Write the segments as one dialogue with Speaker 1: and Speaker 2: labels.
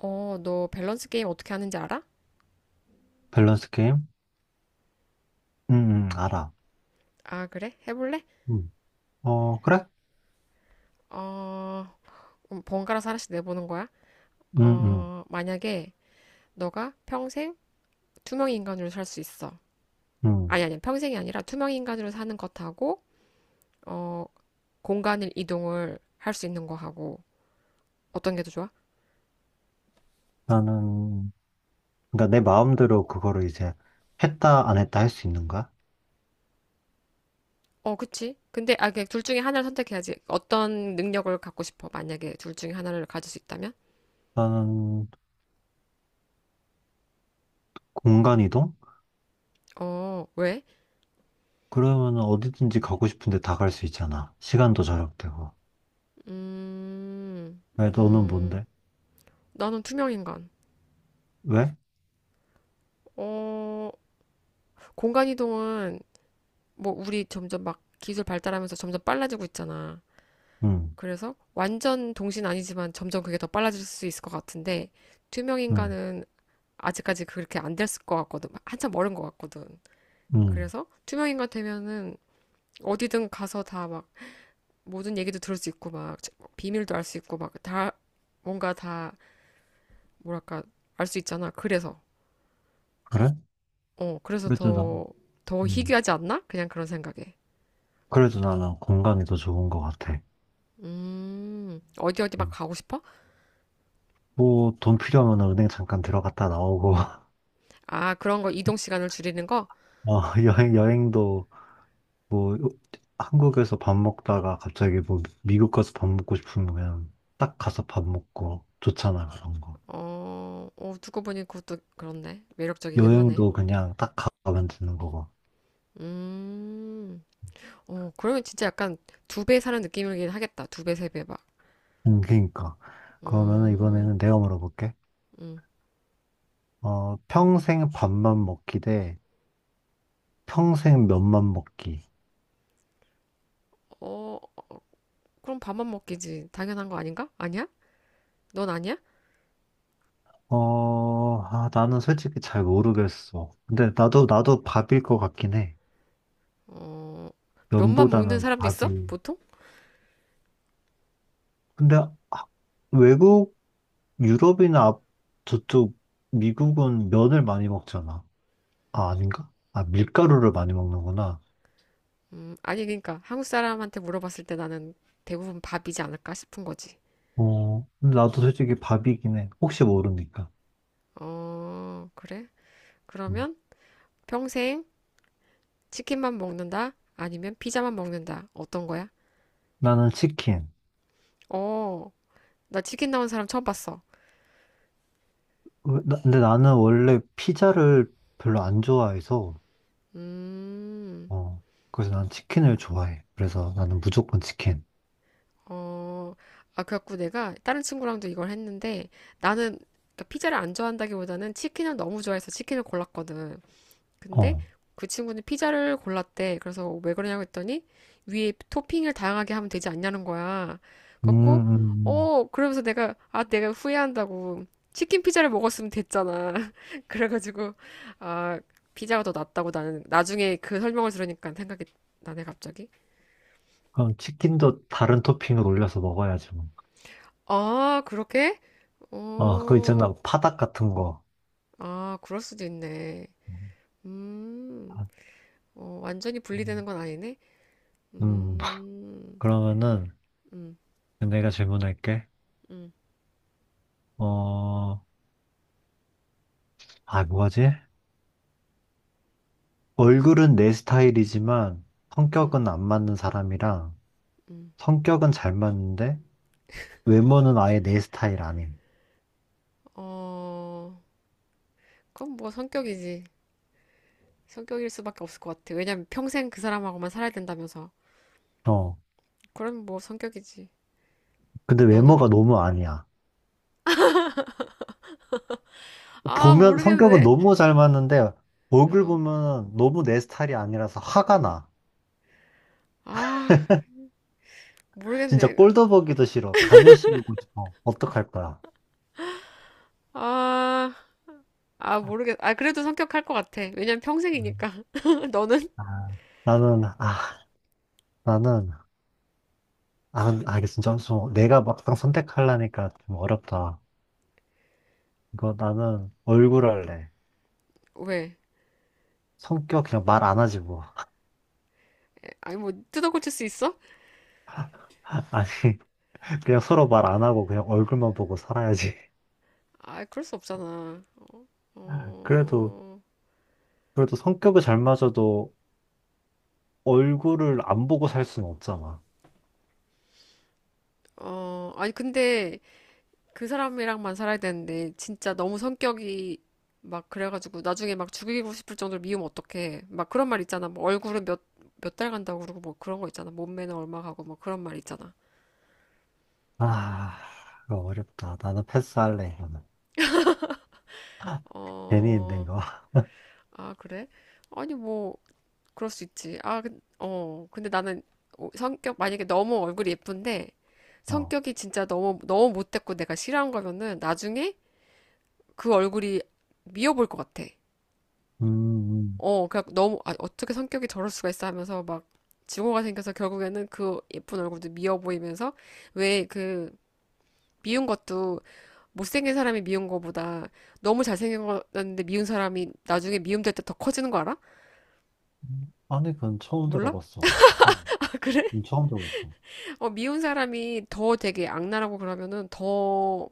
Speaker 1: 어, 너 밸런스 게임 어떻게 하는지 알아?
Speaker 2: 밸런스 게임? 응, 응, 알아.
Speaker 1: 아, 그래? 해볼래?
Speaker 2: 응. 어, 그래?
Speaker 1: 어, 그럼 번갈아서 하나씩 내보는 거야?
Speaker 2: 응, 응,
Speaker 1: 만약에 너가 평생 투명 인간으로 살 수 있어.
Speaker 2: 응.
Speaker 1: 아니, 아니, 평생이 아니라 투명 인간으로 사는 것하고, 어, 공간을 이동을 할 수 있는 거하고, 어떤 게 더 좋아?
Speaker 2: 나는, 그러니까 내 마음대로 그거를 이제 했다, 안 했다 할 수 있는 거야?
Speaker 1: 어, 그치? 근데, 그둘 중에 하나를 선택해야지. 어떤 능력을 갖고 싶어? 만약에 둘 중에 하나를 가질 수 있다면?
Speaker 2: 나는 공간 이동?
Speaker 1: 어, 왜?
Speaker 2: 그러면 어디든지 가고 싶은데 다 갈 수 있잖아. 시간도 절약되고.
Speaker 1: 음,
Speaker 2: 왜, 너는
Speaker 1: 음,
Speaker 2: 뭔데?
Speaker 1: 나는 투명 인간.
Speaker 2: 왜?
Speaker 1: 어, 공간 이동은 뭐 우리 점점 막 기술 발달하면서 점점 빨라지고 있잖아.
Speaker 2: 응,
Speaker 1: 그래서 완전 동신 아니지만 점점 그게 더 빨라질 수 있을 것 같은데 투명
Speaker 2: 응,
Speaker 1: 인간은 아직까지 그렇게 안 됐을 것 같거든. 한참 멀은 것 같거든.
Speaker 2: 응.
Speaker 1: 그래서 투명 인간 되면은 어디든 가서 다 막 모든 얘기도 들을 수 있고 막 비밀도 알 수 있고 막 다 뭔가 다 뭐랄까 알 수 있잖아. 그래서
Speaker 2: 그래?
Speaker 1: 어 그래서
Speaker 2: 그래도 나,
Speaker 1: 더
Speaker 2: 응.
Speaker 1: 희귀하지 않나? 그냥 그런 생각에.
Speaker 2: 그래도 나는 공간이 더 좋은 것 같아.
Speaker 1: 어디 어디 막
Speaker 2: 음.
Speaker 1: 가고 싶어?
Speaker 2: 뭐, 돈 필요하면 은행 잠깐 들어갔다 나오고,
Speaker 1: 아, 그런 거 이동 시간을 줄이는 거?
Speaker 2: 어, 여행도 뭐 한국에서 밥 먹다가 갑자기 뭐 미국 가서 밥 먹고 싶으면 딱 가서 밥 먹고 좋잖아 그런 거.
Speaker 1: 어, 어, 고 보니 그것도 그렇네. 매력적이긴 하네.
Speaker 2: 여행도 그냥 딱 가면 되는 거고.
Speaker 1: 음, 그러면 진짜 약간 두배 사는 느낌이긴 하겠다. 두 배, 세 배 막.
Speaker 2: 그러니까 그러면은
Speaker 1: 음,
Speaker 2: 이번에는 내가 물어볼게.
Speaker 1: 음.
Speaker 2: 어, 평생 밥만 먹기 대 평생 면만 먹기.
Speaker 1: 어, 그럼 밥만 먹기지. 당연한 거 아닌가? 아니야? 넌 아니야?
Speaker 2: 어, 아, 나는 솔직히 잘 모르겠어. 근데 나도 밥일 것 같긴 해.
Speaker 1: 어, 면만 먹는
Speaker 2: 면보다는
Speaker 1: 사람도 있어?
Speaker 2: 밥이.
Speaker 1: 보통?
Speaker 2: 근데 아, 외국 유럽이나 저쪽 미국은 면을 많이 먹잖아. 아, 아닌가? 아, 밀가루를 많이 먹는구나.
Speaker 1: 아니, 그러니까 한국 사람한테 물어봤을 때 나는 대부분 밥이지 않을까 싶은 거지.
Speaker 2: 어, 근데 나도 솔직히 밥이긴 해. 혹시 모르니까.
Speaker 1: 어, 그래?
Speaker 2: 음.
Speaker 1: 그러면 평생 치킨만 먹는다? 아니면 피자만 먹는다? 어떤 거야?
Speaker 2: 나는 치킨.
Speaker 1: 어, 나 치킨 나온 사람 처음 봤어.
Speaker 2: 근데 나는 원래 피자를 별로 안 좋아해서,
Speaker 1: 음,
Speaker 2: 어, 그래서 난 치킨을 좋아해. 그래서 나는 무조건 치킨.
Speaker 1: 어, 아, 그래갖고 내가 다른 친구랑도 이걸 했는데 나는 그러니까 피자를 안 좋아한다기보다는 치킨을 너무 좋아해서 치킨을 골랐거든. 근데
Speaker 2: 어,
Speaker 1: 그 친구는 피자를 골랐대. 그래서 왜 그러냐고 했더니 위에 토핑을 다양하게 하면 되지 않냐는 거야.
Speaker 2: 음,
Speaker 1: 갖고
Speaker 2: 음, 음.
Speaker 1: 그러면서 내가 후회한다고 치킨 피자를 먹었으면 됐잖아. 그래가지고 아 피자가 더 낫다고 나는 나중에 그 설명을 들으니까 생각이 나네 갑자기.
Speaker 2: 그럼 치킨도 다른 토핑을 올려서 먹어야지 뭐.
Speaker 1: 아, 그렇게?
Speaker 2: 어, 그거
Speaker 1: 어
Speaker 2: 있잖아. 파닭 같은 거.
Speaker 1: 아, 그럴 수도 있네.
Speaker 2: 음,
Speaker 1: 음
Speaker 2: 아,
Speaker 1: 완전히 분리되는
Speaker 2: 음.
Speaker 1: 건 아니네.
Speaker 2: 음.
Speaker 1: 음,
Speaker 2: 그러면은
Speaker 1: 음,
Speaker 2: 내가 질문할게.
Speaker 1: 음,
Speaker 2: 어, 아, 뭐하지? 얼굴은 내 스타일이지만
Speaker 1: 음,
Speaker 2: 성격은 안 맞는 사람이랑
Speaker 1: 음.
Speaker 2: 성격은 잘 맞는데 외모는 아예 내 스타일 아님.
Speaker 1: 어, 그건 뭐 성격이지. 성격일 수밖에 없을 것 같아. 왜냐면 평생 그 사람하고만 살아야 된다면서.
Speaker 2: 어,
Speaker 1: 그럼 뭐 성격이지.
Speaker 2: 근데
Speaker 1: 너는?
Speaker 2: 외모가 너무 아니야.
Speaker 1: 아,
Speaker 2: 보면 성격은
Speaker 1: 모르겠네.
Speaker 2: 너무 잘 맞는데 얼굴
Speaker 1: 어,
Speaker 2: 보면 너무 내 스타일이 아니라서 화가 나.
Speaker 1: 아,
Speaker 2: 진짜
Speaker 1: 모르겠네.
Speaker 2: 꼴도 보기도 싫어. 가면 씌우고 싶어. 어떡할 거야?
Speaker 1: 아, 아, 모르겠. 아, 그래도 성격할 것 같아. 왜냐면 평생이니까. 너는?
Speaker 2: 아, 나는, 나는 아, 이게 진짜 엄청, 내가 막상 선택하려니까 좀 어렵다. 이거 나는 얼굴 할래.
Speaker 1: 왜?
Speaker 2: 성격 그냥 말 안 하지 뭐.
Speaker 1: 아니, 뭐, 뜯어 고칠 수 있어?
Speaker 2: 아니, 그냥 서로 말 안 하고 그냥 얼굴만 보고 살아야지.
Speaker 1: 아, 그럴 수 없잖아.
Speaker 2: 그래도,
Speaker 1: 어,
Speaker 2: 그래도 성격이 잘 맞아도 얼굴을 안 보고 살 수는 없잖아.
Speaker 1: 어, 아니, 근데 그 사람이랑만 살아야 되는데 진짜 너무 성격이 막 그래가지고 나중에 막 죽이고 싶을 정도로 미우면 어떡해. 막 그런 말 있잖아. 뭐 얼굴은 몇 달 간다고 그러고 뭐 그런 거 있잖아. 몸매는 얼마 가고 뭐 그런 말 있잖아.
Speaker 2: 아, 이거 어렵다. 나는 패스할래, 이거는. 괜히 했네,
Speaker 1: 어,
Speaker 2: 이거.
Speaker 1: 아, 그래? 아니 뭐 그럴 수 있지. 아, 근데 나는 성격 만약에 너무 얼굴이 예쁜데
Speaker 2: 어.
Speaker 1: 성격이 진짜 너무 너무 못됐고 내가 싫어한 거면은 나중에 그 얼굴이 미워 보일 것 같아.
Speaker 2: 음,
Speaker 1: 어, 그냥 너무, 어떻게 성격이 저럴 수가 있어 하면서 막 증오가 생겨서 결국에는 그 예쁜 얼굴도 미워 보이면서 왜 그 미운 것도 못생긴 사람이 미운 거보다 너무 잘생겼는데 미운 사람이 나중에 미움될 때 더 커지는 거 알아?
Speaker 2: 아니, 그건 처음
Speaker 1: 몰라?
Speaker 2: 들어봤어. 어,
Speaker 1: 아, 그래?
Speaker 2: 처음 들어봤어.
Speaker 1: 어, 미운 사람이 더 되게 악랄하고 그러면은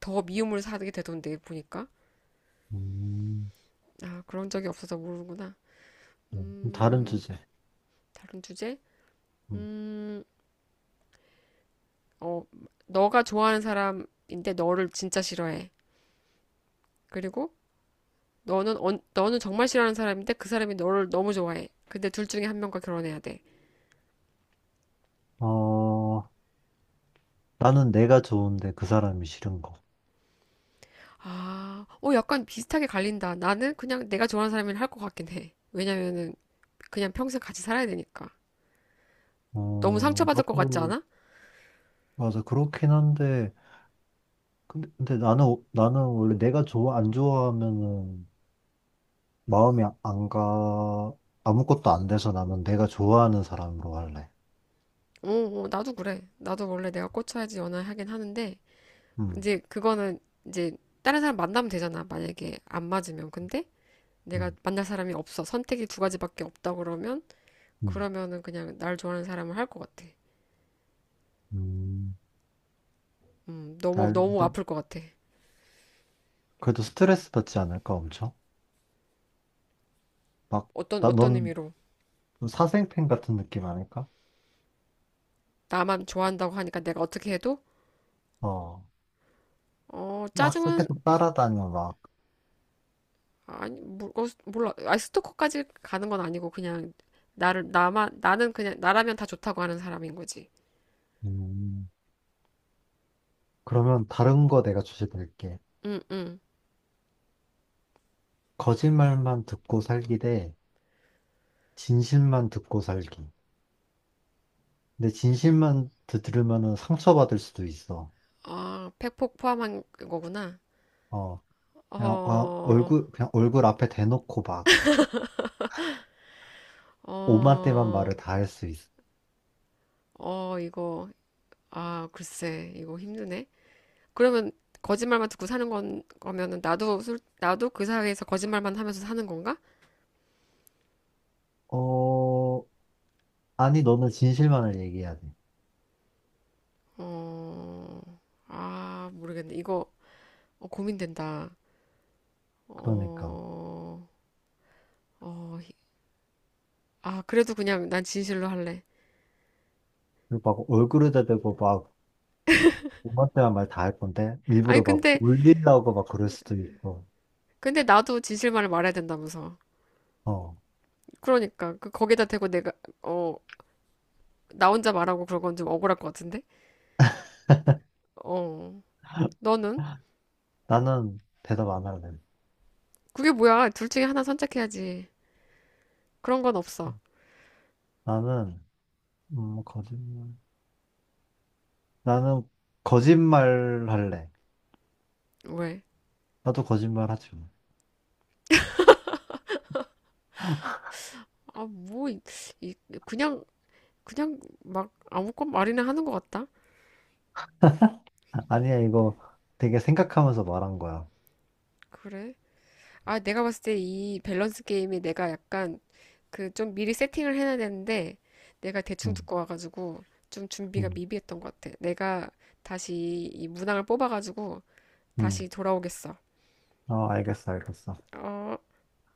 Speaker 1: 더 미움을 사게 되던데, 보니까.
Speaker 2: 음,
Speaker 1: 아, 그런 적이 없어서 모르는구나.
Speaker 2: 다른
Speaker 1: 음,
Speaker 2: 주제.
Speaker 1: 다른 주제?
Speaker 2: 음.
Speaker 1: 음, 어, 너가 좋아하는 사람인데 너를 진짜 싫어해. 그리고 너는 정말 싫어하는 사람인데 그 사람이 너를 너무 좋아해. 근데 둘 중에 한 명과 결혼해야 돼.
Speaker 2: 어, 나는 내가 좋은데 그 사람이 싫은 거.
Speaker 1: 아, 약간 비슷하게 갈린다. 나는 그냥 내가 좋아하는 사람이랑 할 것 같긴 해. 왜냐면은 그냥 평생 같이 살아야 되니까. 너무
Speaker 2: 어,
Speaker 1: 상처받을 것 같지
Speaker 2: 나도,
Speaker 1: 않아?
Speaker 2: 맞아. 그렇긴 한데, 근데 나는 원래 내가 안 좋아하면은 마음이 안 가, 아무것도 안 돼서 나는 내가 좋아하는 사람으로 할래.
Speaker 1: 어, 어, 나도 그래. 나도 원래 내가 꽂혀야지 연애하긴 하는데
Speaker 2: 음,
Speaker 1: 이제 그거는 이제 다른 사람 만나면 되잖아. 만약에 안 맞으면. 근데 내가
Speaker 2: 음,
Speaker 1: 만날 사람이 없어. 선택이 두 가지밖에 없다
Speaker 2: 음,
Speaker 1: 그러면은 그냥 날 좋아하는 사람을 할 것 같아.
Speaker 2: 음.
Speaker 1: 너무
Speaker 2: 날,
Speaker 1: 너무
Speaker 2: 근데,
Speaker 1: 아플 것 같아.
Speaker 2: 그래도 스트레스 받지 않을까, 엄청? 막,
Speaker 1: 어떤
Speaker 2: 나,
Speaker 1: 어떤
Speaker 2: 넌
Speaker 1: 의미로
Speaker 2: 사생팬 같은 느낌 아닐까?
Speaker 1: 나만 좋아한다고 하니까 내가 어떻게 해도
Speaker 2: 어, 막
Speaker 1: 짜증은
Speaker 2: 계속 따라다녀, 막.
Speaker 1: 아니 몰라. 아 스토커까지 가는 건 아니고 그냥 나를 나만 나는 그냥 나라면 다 좋다고 하는 사람인 거지.
Speaker 2: 음, 그러면 다른 거 내가 주제 드릴게.
Speaker 1: 응, 응.
Speaker 2: 거짓말만 듣고 살기 대 진실만 듣고 살기. 근데 진실만 들으면은 상처받을 수도 있어.
Speaker 1: 아, 팩폭 포함한 거구나.
Speaker 2: 어,
Speaker 1: 어,
Speaker 2: 그냥 얼굴 앞에 대놓고 막 오만때만
Speaker 1: 어,
Speaker 2: 말을 다 할 수 있어.
Speaker 1: 어, 이거 아, 글쎄, 이거 힘드네. 그러면 거짓말만 듣고 사는 건 거면은 나도 그 사회에서 거짓말만 하면서 사는 건가?
Speaker 2: 어, 아니, 너는 진실만을 얘기해야 돼.
Speaker 1: 어, 아, 모르겠네. 이거 고민된다.
Speaker 2: 그러니까.
Speaker 1: 어, 어, 아, 그래도 그냥 난 진실로 할래.
Speaker 2: 그리고 막 얼굴에다 대고 막 오만때만 말 다 할 건데,
Speaker 1: 아니,
Speaker 2: 일부러 막 울리려고 막 그럴 수도 있고.
Speaker 1: 근데 나도 진실만을 말해야 된다면서.
Speaker 2: 어,
Speaker 1: 그러니까, 거기다 대고 내가, 어, 나 혼자 말하고 그런 건 좀 억울할 것 같은데? 어, 너는?
Speaker 2: 나는 대답 안 할래.
Speaker 1: 그게 뭐야? 둘 중에 하나 선택해야지. 그런 건 없어.
Speaker 2: 나는, 거짓말. 나는 거짓말 할래.
Speaker 1: 왜?
Speaker 2: 나도 거짓말 하지. 뭐.
Speaker 1: 아, 뭐, 이- 그냥, 그냥 막 아무것 말이나 하는 것 같다.
Speaker 2: 아니야, 이거 되게 생각하면서 말한 거야.
Speaker 1: 그래. 아, 내가 봤을 때 이 밸런스 게임에 내가 약간 그 좀 미리 세팅을 해놔야 되는데 내가 대충
Speaker 2: 응,
Speaker 1: 듣고 와가지고 좀 준비가
Speaker 2: 응,
Speaker 1: 미비했던 것 같아. 내가 다시 이 문항을 뽑아가지고
Speaker 2: 응.
Speaker 1: 다시 돌아오겠어.
Speaker 2: 어, 알겠어, 알겠어.
Speaker 1: 어.